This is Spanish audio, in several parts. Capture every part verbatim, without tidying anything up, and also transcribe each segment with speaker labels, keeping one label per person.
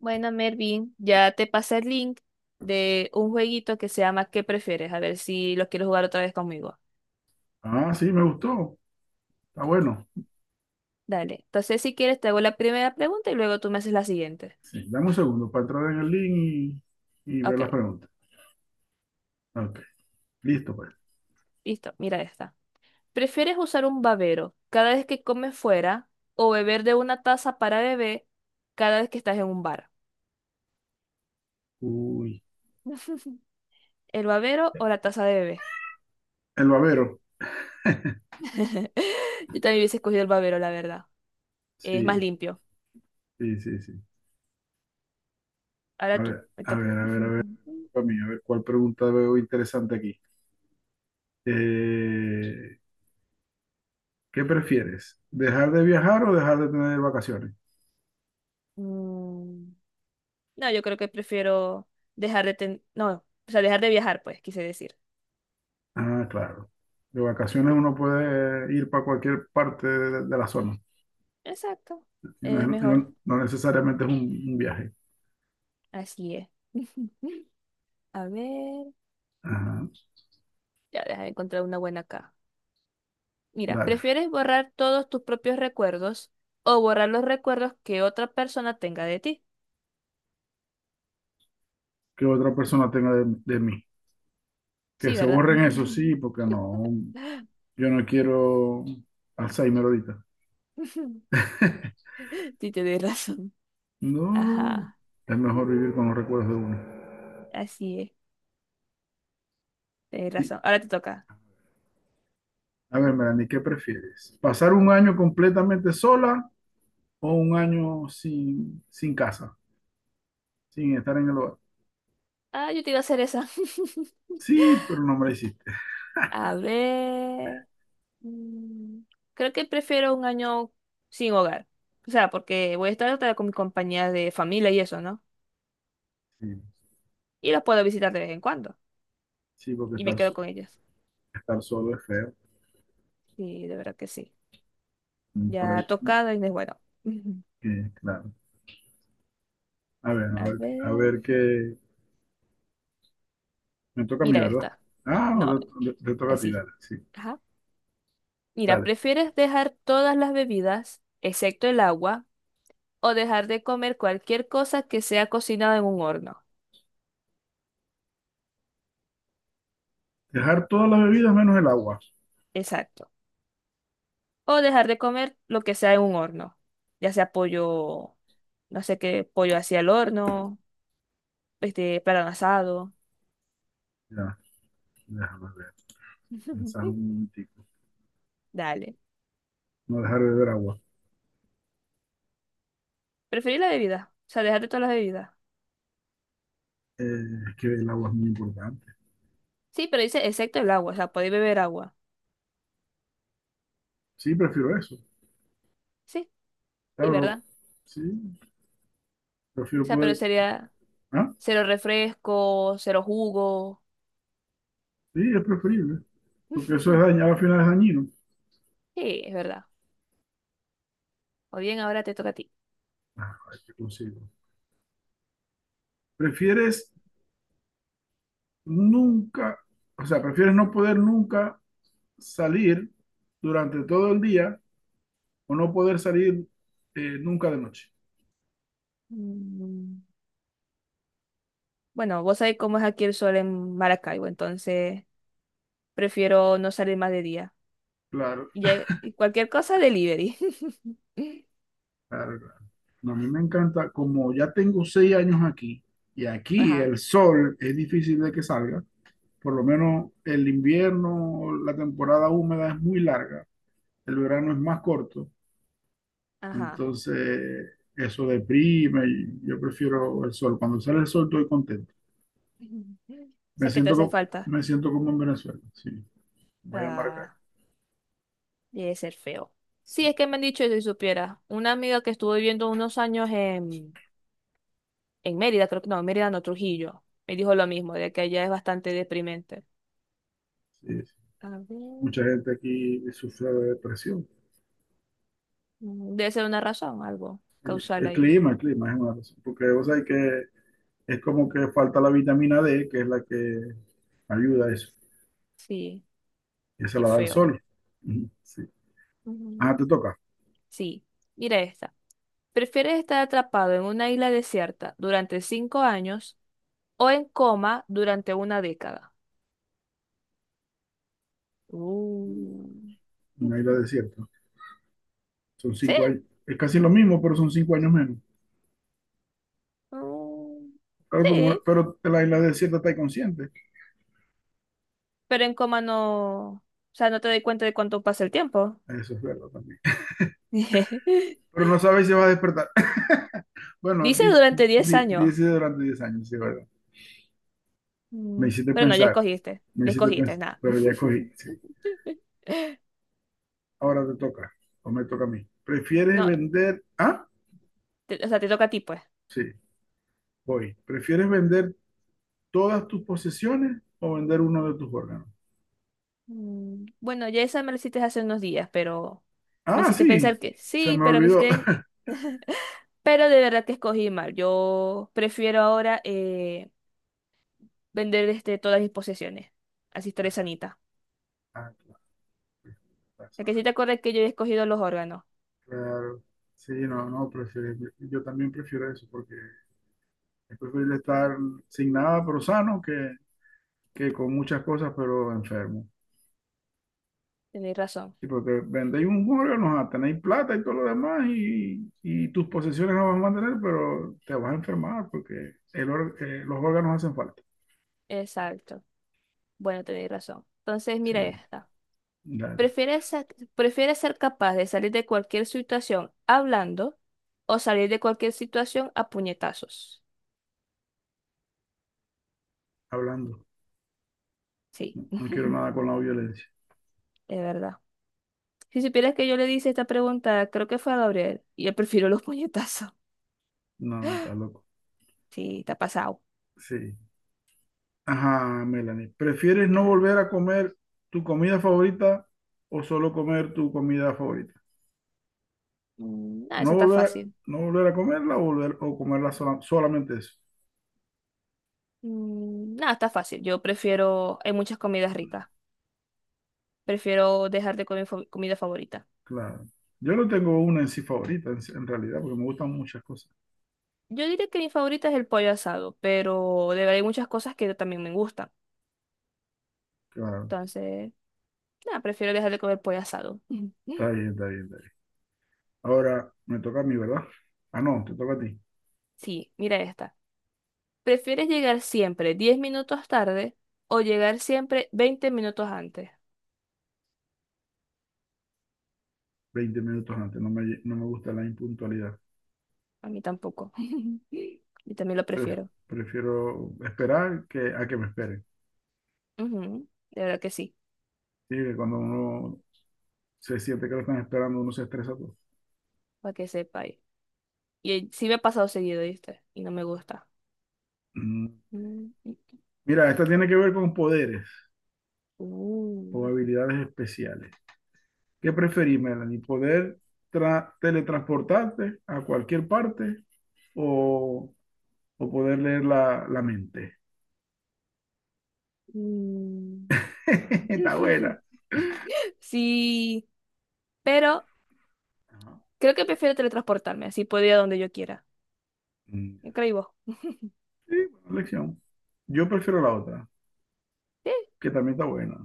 Speaker 1: Bueno, Mervin, ya te pasé el link de un jueguito que se llama ¿Qué prefieres? A ver si lo quieres jugar otra vez conmigo.
Speaker 2: Ah, sí, me gustó. Está bueno.
Speaker 1: Dale. Entonces, si quieres, te hago la primera pregunta y luego tú me haces la siguiente.
Speaker 2: Sí. Dame un segundo para entrar en el link y, y ver
Speaker 1: Ok,
Speaker 2: las preguntas. Ok, listo pues.
Speaker 1: listo, mira esta. ¿Prefieres usar un babero cada vez que comes fuera o beber de una taza para bebé cada vez que estás en un bar?
Speaker 2: Uy,
Speaker 1: ¿El babero o la taza de bebé?
Speaker 2: el babero.
Speaker 1: Yo también hubiese escogido el babero, la verdad. Es más
Speaker 2: Sí,
Speaker 1: limpio.
Speaker 2: sí, sí, sí.
Speaker 1: Ahora
Speaker 2: A
Speaker 1: tú,
Speaker 2: ver,
Speaker 1: me
Speaker 2: a ver,
Speaker 1: toca.
Speaker 2: a ver, a ver, para mí, a ver cuál pregunta veo interesante aquí. Eh, ¿Qué prefieres? ¿Dejar de viajar o dejar de tener vacaciones?
Speaker 1: Mm, No, yo creo que prefiero dejar de ten... No, o sea, dejar de viajar, pues, quise decir.
Speaker 2: Ah, claro. De vacaciones uno puede ir para cualquier parte de, de la zona.
Speaker 1: Exacto.
Speaker 2: Y no,
Speaker 1: Es
Speaker 2: es- y
Speaker 1: mejor.
Speaker 2: no- no necesariamente es un, un viaje.
Speaker 1: Así es. A ver.
Speaker 2: Ajá,
Speaker 1: Ya, déjame encontrar una buena acá. Mira,
Speaker 2: dale.
Speaker 1: ¿prefieres borrar todos tus propios recuerdos o borrar los recuerdos que otra persona tenga de ti?
Speaker 2: Que otra persona tenga de, de mí. Que
Speaker 1: Sí,
Speaker 2: se
Speaker 1: ¿verdad?
Speaker 2: borren eso, sí, porque no, yo no quiero Alzheimer ahorita.
Speaker 1: Sí, tienes razón.
Speaker 2: No,
Speaker 1: Ajá.
Speaker 2: es mejor vivir con los recuerdos de uno.
Speaker 1: Así es. Tienes
Speaker 2: Y,
Speaker 1: razón. Ahora te toca.
Speaker 2: A ver, Melanie, ¿qué prefieres? ¿Pasar un año completamente sola o un año sin, sin casa, sin estar en el hogar?
Speaker 1: Ah, yo te iba a hacer esa.
Speaker 2: Sí, pero no me la hiciste.
Speaker 1: A ver. Mm, Creo que prefiero un año sin hogar. O sea, porque voy a estar hasta con mi compañía de familia y eso, ¿no?
Speaker 2: Sí,
Speaker 1: Y las puedo visitar de vez en cuando.
Speaker 2: sí, porque
Speaker 1: Y me
Speaker 2: estar,
Speaker 1: quedo
Speaker 2: so-
Speaker 1: con ellas.
Speaker 2: estar solo es feo.
Speaker 1: Sí, de verdad que sí.
Speaker 2: Mm, por
Speaker 1: Ya
Speaker 2: ahí,
Speaker 1: tocada y no es bueno. Ujú.
Speaker 2: eh, claro. A ver, a
Speaker 1: A
Speaker 2: ver, a
Speaker 1: ver.
Speaker 2: ver qué. Me toca a mí,
Speaker 1: Mira
Speaker 2: ¿verdad?
Speaker 1: esta.
Speaker 2: Ah,
Speaker 1: No,
Speaker 2: no, te, te- toca a ti,
Speaker 1: así.
Speaker 2: dale. Sí,
Speaker 1: Ajá. Mira,
Speaker 2: dale.
Speaker 1: ¿prefieres dejar todas las bebidas, excepto el agua, o dejar de comer cualquier cosa que sea cocinada en un horno?
Speaker 2: Dejar todas las bebidas menos el agua.
Speaker 1: Exacto. O dejar de comer lo que sea en un horno, ya sea pollo, no sé qué, pollo hacia el horno, este, plátano asado.
Speaker 2: Ya, déjame ver. Pensar un momentico.
Speaker 1: Dale.
Speaker 2: No dejar de beber agua.
Speaker 1: Preferir la bebida, o sea, dejar de todas las bebidas.
Speaker 2: Eh, es que el agua es muy importante.
Speaker 1: Sí, pero dice excepto el agua, o sea, podéis beber agua.
Speaker 2: Sí, prefiero eso.
Speaker 1: Sí, sí,
Speaker 2: Claro,
Speaker 1: ¿verdad?
Speaker 2: sí,
Speaker 1: O
Speaker 2: prefiero
Speaker 1: sea, pero
Speaker 2: poder.
Speaker 1: sería
Speaker 2: Ah,
Speaker 1: cero refresco, cero jugo.
Speaker 2: sí, es preferible. Porque eso es dañado, al final es dañino.
Speaker 1: Sí, es verdad. O bien, ahora te toca a ti.
Speaker 2: Ah, ay, qué consigo. ¿Prefieres nunca, O sea, ¿prefieres no poder nunca salir durante todo el día o no poder salir, eh, nunca de noche?
Speaker 1: Mm, Bueno, vos sabés cómo es aquí el sol en Maracaibo, entonces prefiero no salir más de día.
Speaker 2: Claro,
Speaker 1: Ya- y cualquier cosa, delivery.
Speaker 2: claro, claro. No, a mí me encanta, como ya tengo seis años aquí y aquí
Speaker 1: Ajá,
Speaker 2: el sol es difícil de que salga, por lo menos el invierno, la temporada húmeda es muy larga, el verano es más corto,
Speaker 1: ajá.
Speaker 2: entonces eso deprime y yo prefiero el sol. Cuando sale el sol estoy contento.
Speaker 1: O
Speaker 2: Me
Speaker 1: sea, ¿qué te
Speaker 2: siento,
Speaker 1: hace
Speaker 2: co-
Speaker 1: falta?
Speaker 2: Me siento como en Venezuela, sí, voy a marcar.
Speaker 1: Ah, debe ser feo. Sí,
Speaker 2: Sí,
Speaker 1: es que me han dicho eso y si supiera. Una amiga que estuvo viviendo unos años en, en Mérida, creo que no, en Mérida no, Trujillo, me dijo lo mismo, de que allá es bastante deprimente.
Speaker 2: sí, sí.
Speaker 1: A ver.
Speaker 2: Mucha gente aquí sufre de depresión.
Speaker 1: mm, Debe ser una razón, algo causal
Speaker 2: El
Speaker 1: ahí.
Speaker 2: clima, el clima es una razón, porque vos sabés que es como que falta la vitamina D, que es la que ayuda a eso,
Speaker 1: Sí,
Speaker 2: que se
Speaker 1: qué
Speaker 2: la da el
Speaker 1: feo.
Speaker 2: sol. Ujú, sí.
Speaker 1: Ujú.
Speaker 2: Ah, te toca.
Speaker 1: Sí, mira esta. ¿Prefieres estar atrapado en una isla desierta durante cinco años o en coma durante una década? Uh.
Speaker 2: Una isla desierta. Son cinco
Speaker 1: Sí,
Speaker 2: años, es casi lo mismo, pero son cinco años menos.
Speaker 1: uh,
Speaker 2: Claro, porque una-
Speaker 1: sí,
Speaker 2: pero la isla desierta está inconsciente.
Speaker 1: pero en coma no, o sea, no te doy cuenta de cuánto pasa el tiempo.
Speaker 2: Eso es verdad también. Pero no sabes si va a despertar. Bueno,
Speaker 1: Dice
Speaker 2: di-
Speaker 1: durante diez
Speaker 2: di-
Speaker 1: años,
Speaker 2: dice durante diez años, sí, verdad. Me
Speaker 1: Mm,
Speaker 2: hiciste
Speaker 1: pero no, ya
Speaker 2: pensar,
Speaker 1: escogiste,
Speaker 2: Me
Speaker 1: ya
Speaker 2: hiciste
Speaker 1: escogiste,
Speaker 2: pensar,
Speaker 1: nada.
Speaker 2: pero ya cogí, sí. Ahora te toca, o me toca a mí. ¿Prefieres
Speaker 1: No,
Speaker 2: vender? Ah,
Speaker 1: te- o sea, te toca a ti, pues.
Speaker 2: sí, voy. ¿Prefieres vender todas tus posesiones o vender uno de tus órganos?
Speaker 1: Mm, Bueno, ya esa me la hiciste hace unos días, pero me
Speaker 2: Ah,
Speaker 1: hiciste
Speaker 2: sí,
Speaker 1: pensar que
Speaker 2: se
Speaker 1: sí,
Speaker 2: me
Speaker 1: pero me
Speaker 2: olvidó.
Speaker 1: hiciste. Pero de verdad que escogí mal. Yo prefiero ahora eh, vender este, todas mis posesiones. Así estaré sanita.
Speaker 2: Ah, claro,
Speaker 1: Es que si te acuerdas que yo he escogido los órganos.
Speaker 2: claro. Sí, no, no, prefiero, yo también prefiero eso porque es preferible estar sin nada pero sano que, que con muchas cosas pero enfermo.
Speaker 1: Tenéis razón.
Speaker 2: Sí, porque vendéis un órgano, ah, tenéis plata y todo lo demás y, y tus posesiones no vas a mantener, pero te vas a enfermar porque el or- eh, los órganos hacen falta.
Speaker 1: Exacto. Bueno, tenéis razón. Entonces, mira
Speaker 2: Sí,
Speaker 1: esta.
Speaker 2: dale,
Speaker 1: ¿Prefieres, sa- prefieres ser capaz de salir de cualquier situación hablando o salir de cualquier situación a puñetazos?
Speaker 2: hablando.
Speaker 1: Sí,
Speaker 2: No quiero nada con la violencia.
Speaker 1: es verdad. Si supieras que yo le hice esta pregunta, creo que fue a Gabriel, y yo prefiero los puñetazos.
Speaker 2: No, no, está loco.
Speaker 1: Sí, está pasado.
Speaker 2: Sí. Ajá, Melanie. ¿Prefieres no
Speaker 1: Ajá.
Speaker 2: volver a comer tu comida favorita o solo comer tu comida favorita?
Speaker 1: Mm, ah,
Speaker 2: No
Speaker 1: esa está
Speaker 2: volver a,
Speaker 1: fácil.
Speaker 2: no volver a comerla o, volver, o comerla sola- solamente eso.
Speaker 1: Mm, Nada, está fácil. Yo prefiero, hay muchas comidas ricas. Prefiero dejar de comer fa- comida favorita.
Speaker 2: Claro. Yo no tengo una en sí favorita, en, sí, en realidad, porque me gustan muchas cosas.
Speaker 1: Yo diría que mi favorita es el pollo asado, pero de verdad hay muchas cosas que también me gustan.
Speaker 2: Claro.
Speaker 1: Entonces, nada, prefiero dejar de comer pollo asado.
Speaker 2: Está bien, está bien, está bien. Ahora me toca a mí, ¿verdad? Ah, no, te toca a ti.
Speaker 1: Sí, mira esta. ¿Prefieres llegar siempre diez minutos tarde o llegar siempre veinte minutos antes?
Speaker 2: Veinte minutos antes. No me, no me gusta la impuntualidad.
Speaker 1: A mí tampoco. Yo también lo
Speaker 2: Pref-
Speaker 1: prefiero.
Speaker 2: Prefiero esperar que, a que me esperen.
Speaker 1: Ujú, de verdad que sí,
Speaker 2: Sí, que cuando uno se siente que lo están esperando, uno se estresa todo.
Speaker 1: para que sepa. Y eh, sí me ha pasado seguido, ¿viste? Y no me gusta.
Speaker 2: Mm.
Speaker 1: Mm.
Speaker 2: Mira, esta tiene que ver con poderes o
Speaker 1: Uh,
Speaker 2: habilidades especiales. ¿Qué preferís, Melanie? ¿Poder tra- teletransportarte a cualquier parte o, o poder leer la, la mente?
Speaker 1: mm.
Speaker 2: Está buena.
Speaker 1: Sí, pero
Speaker 2: Ajá.
Speaker 1: creo que prefiero teletransportarme, así puedo ir a donde yo quiera.
Speaker 2: Mm.
Speaker 1: ¿Qué creí vos?
Speaker 2: Sí, buena elección. Yo prefiero la otra,
Speaker 1: Sí,
Speaker 2: que también está buena,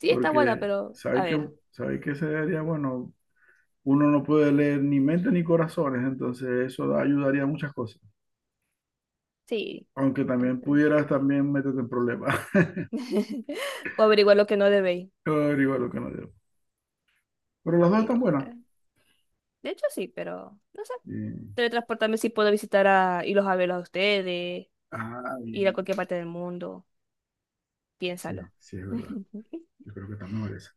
Speaker 1: sí, está buena,
Speaker 2: porque
Speaker 1: pero a
Speaker 2: sabéis que,
Speaker 1: ver,
Speaker 2: sabéis que sería bueno, uno no puede leer ni mentes ni corazones, entonces eso da- ayudaría a muchas cosas.
Speaker 1: sí.
Speaker 2: Aunque
Speaker 1: em,
Speaker 2: también
Speaker 1: pero-
Speaker 2: pudieras también meterte en problemas.
Speaker 1: O averiguar lo que no debéis.
Speaker 2: Pero igual lo que no debo. Pero las dos están
Speaker 1: Mira,
Speaker 2: buenas.
Speaker 1: eh, de hecho, sí, pero no sé.
Speaker 2: Bien.
Speaker 1: Teletransportarme sí puedo visitar a irlos a verlos a ustedes,
Speaker 2: Ah,
Speaker 1: ir a
Speaker 2: bien.
Speaker 1: cualquier parte del mundo.
Speaker 2: Sí,
Speaker 1: Piénsalo.
Speaker 2: sí, es verdad. Yo creo que también merece.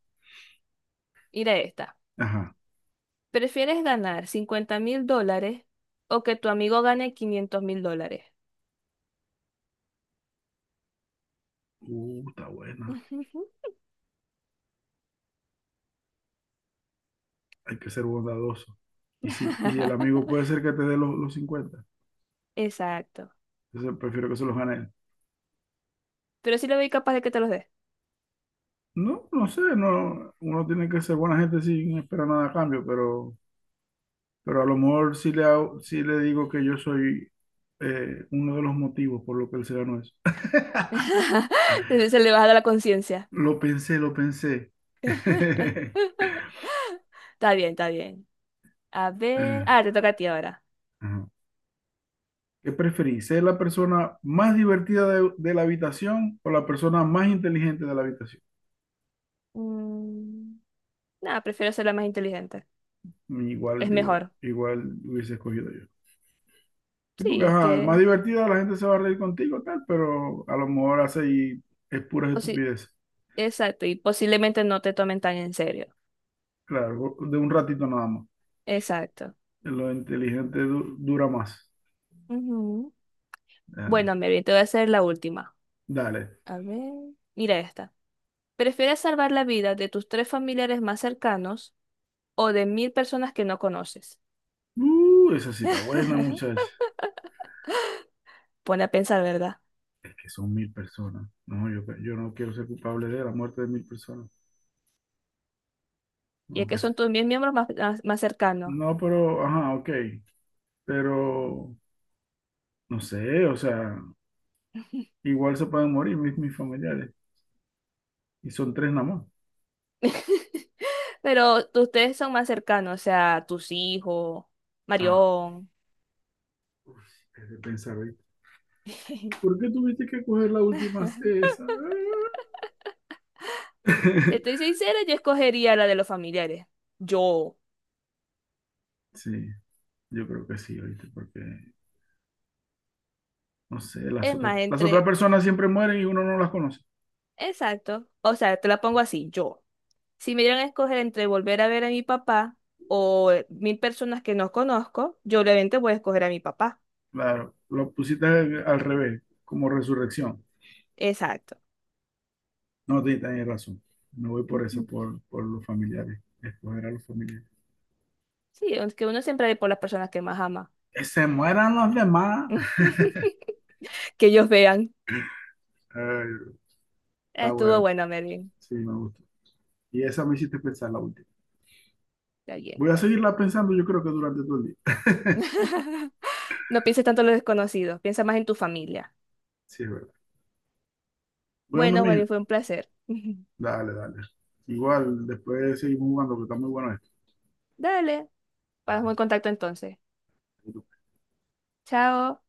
Speaker 1: Mira esta.
Speaker 2: Ajá.
Speaker 1: ¿Prefieres ganar cincuenta mil dólares o que tu amigo gane quinientos mil dólares?
Speaker 2: Uh, está buena.
Speaker 1: Ujú.
Speaker 2: Hay que ser bondadoso. Y, si, Y el amigo puede ser que te dé los, los cincuenta.
Speaker 1: Exacto.
Speaker 2: Entonces prefiero que se los gane él.
Speaker 1: Pero sí le veo capaz de que te los dé.
Speaker 2: No, no sé, no, uno tiene que ser buena gente sin esperar nada a cambio, pero Pero a lo mejor sí le, hago- sí le digo que yo soy, eh, uno de los motivos por lo que él se ganó eso.
Speaker 1: Se se le baja la conciencia.
Speaker 2: Lo pensé, lo pensé.
Speaker 1: Está bien, está bien. A ver.
Speaker 2: Ah,
Speaker 1: Ah, te toca a ti ahora.
Speaker 2: ajá. ¿Qué preferís? ¿Ser la persona más divertida de, de la habitación o la persona más inteligente de la habitación?
Speaker 1: Mm, Nada, prefiero ser la más inteligente.
Speaker 2: Igual
Speaker 1: Es
Speaker 2: digo,
Speaker 1: mejor.
Speaker 2: igual hubiese escogido yo. Sí,
Speaker 1: Sí,
Speaker 2: porque
Speaker 1: es
Speaker 2: ajá, más
Speaker 1: que,
Speaker 2: divertida la gente se va a reír contigo, tal, pero a lo mejor hace y es pura
Speaker 1: o sí,
Speaker 2: estupidez.
Speaker 1: exacto. Y posiblemente no te tomen tan en serio.
Speaker 2: Claro, de un ratito nada más.
Speaker 1: Exacto.
Speaker 2: Lo inteligente du- dura más.
Speaker 1: Ujú.
Speaker 2: Ah,
Speaker 1: Bueno, Mary, te voy a hacer la última.
Speaker 2: dale.
Speaker 1: A ver. Mira esta. ¿Prefieres salvar la vida de tus tres familiares más cercanos o de mil personas que no conoces?
Speaker 2: Uh, esa cita buena, muchacha.
Speaker 1: Pone a pensar, ¿verdad?
Speaker 2: Es que son mil personas. No, yo, yo no quiero ser culpable de la muerte de mil personas.
Speaker 1: Y es que
Speaker 2: Aunque se-
Speaker 1: son tus mil miembros más, más, más cercanos.
Speaker 2: No, pero, ajá, ok. Pero, no sé, o sea, igual se pueden morir mis, mis familiares. Y son tres nada más.
Speaker 1: Pero tus tres son más cercanos, o sea, tus hijos,
Speaker 2: Ah,
Speaker 1: Marión.
Speaker 2: uf, es de pensar, ¿viste? ¿Por qué tuviste que coger la última esa?
Speaker 1: Si estoy sincera, yo escogería la de los familiares. Yo.
Speaker 2: Sí, yo creo que sí, ¿oíste? Porque, no sé, las
Speaker 1: Es
Speaker 2: otras,
Speaker 1: más,
Speaker 2: las otras
Speaker 1: entre.
Speaker 2: personas siempre mueren y uno no las conoce.
Speaker 1: Exacto. O sea, te la pongo así, yo. Si me dieran a escoger entre volver a ver a mi papá o eh, mil personas que no conozco, yo obviamente voy a escoger a mi papá.
Speaker 2: Claro, lo pusiste al, al revés, como resurrección.
Speaker 1: Exacto.
Speaker 2: No, te tenés razón. Me voy por eso,
Speaker 1: Ujú.
Speaker 2: por, por los familiares. Escoger a los familiares.
Speaker 1: Sí, aunque uno siempre ve por las personas que más ama.
Speaker 2: Que se mueran los demás.
Speaker 1: Que ellos vean.
Speaker 2: Ay, está
Speaker 1: Estuvo
Speaker 2: bueno.
Speaker 1: bueno, Merlin.
Speaker 2: Sí, me gusta. Y esa me hiciste pensar la última.
Speaker 1: Está bien,
Speaker 2: Voy a
Speaker 1: pues.
Speaker 2: seguirla pensando, yo creo que durante todo el día.
Speaker 1: No pienses tanto en los desconocidos, piensa más en tu familia.
Speaker 2: Sí, es verdad. Bueno,
Speaker 1: Bueno,
Speaker 2: mija,
Speaker 1: Merlin, fue un placer.
Speaker 2: dale, dale. Igual, después seguimos jugando, que está muy bueno
Speaker 1: Dale, estamos en contacto entonces.
Speaker 2: esto.
Speaker 1: Chao.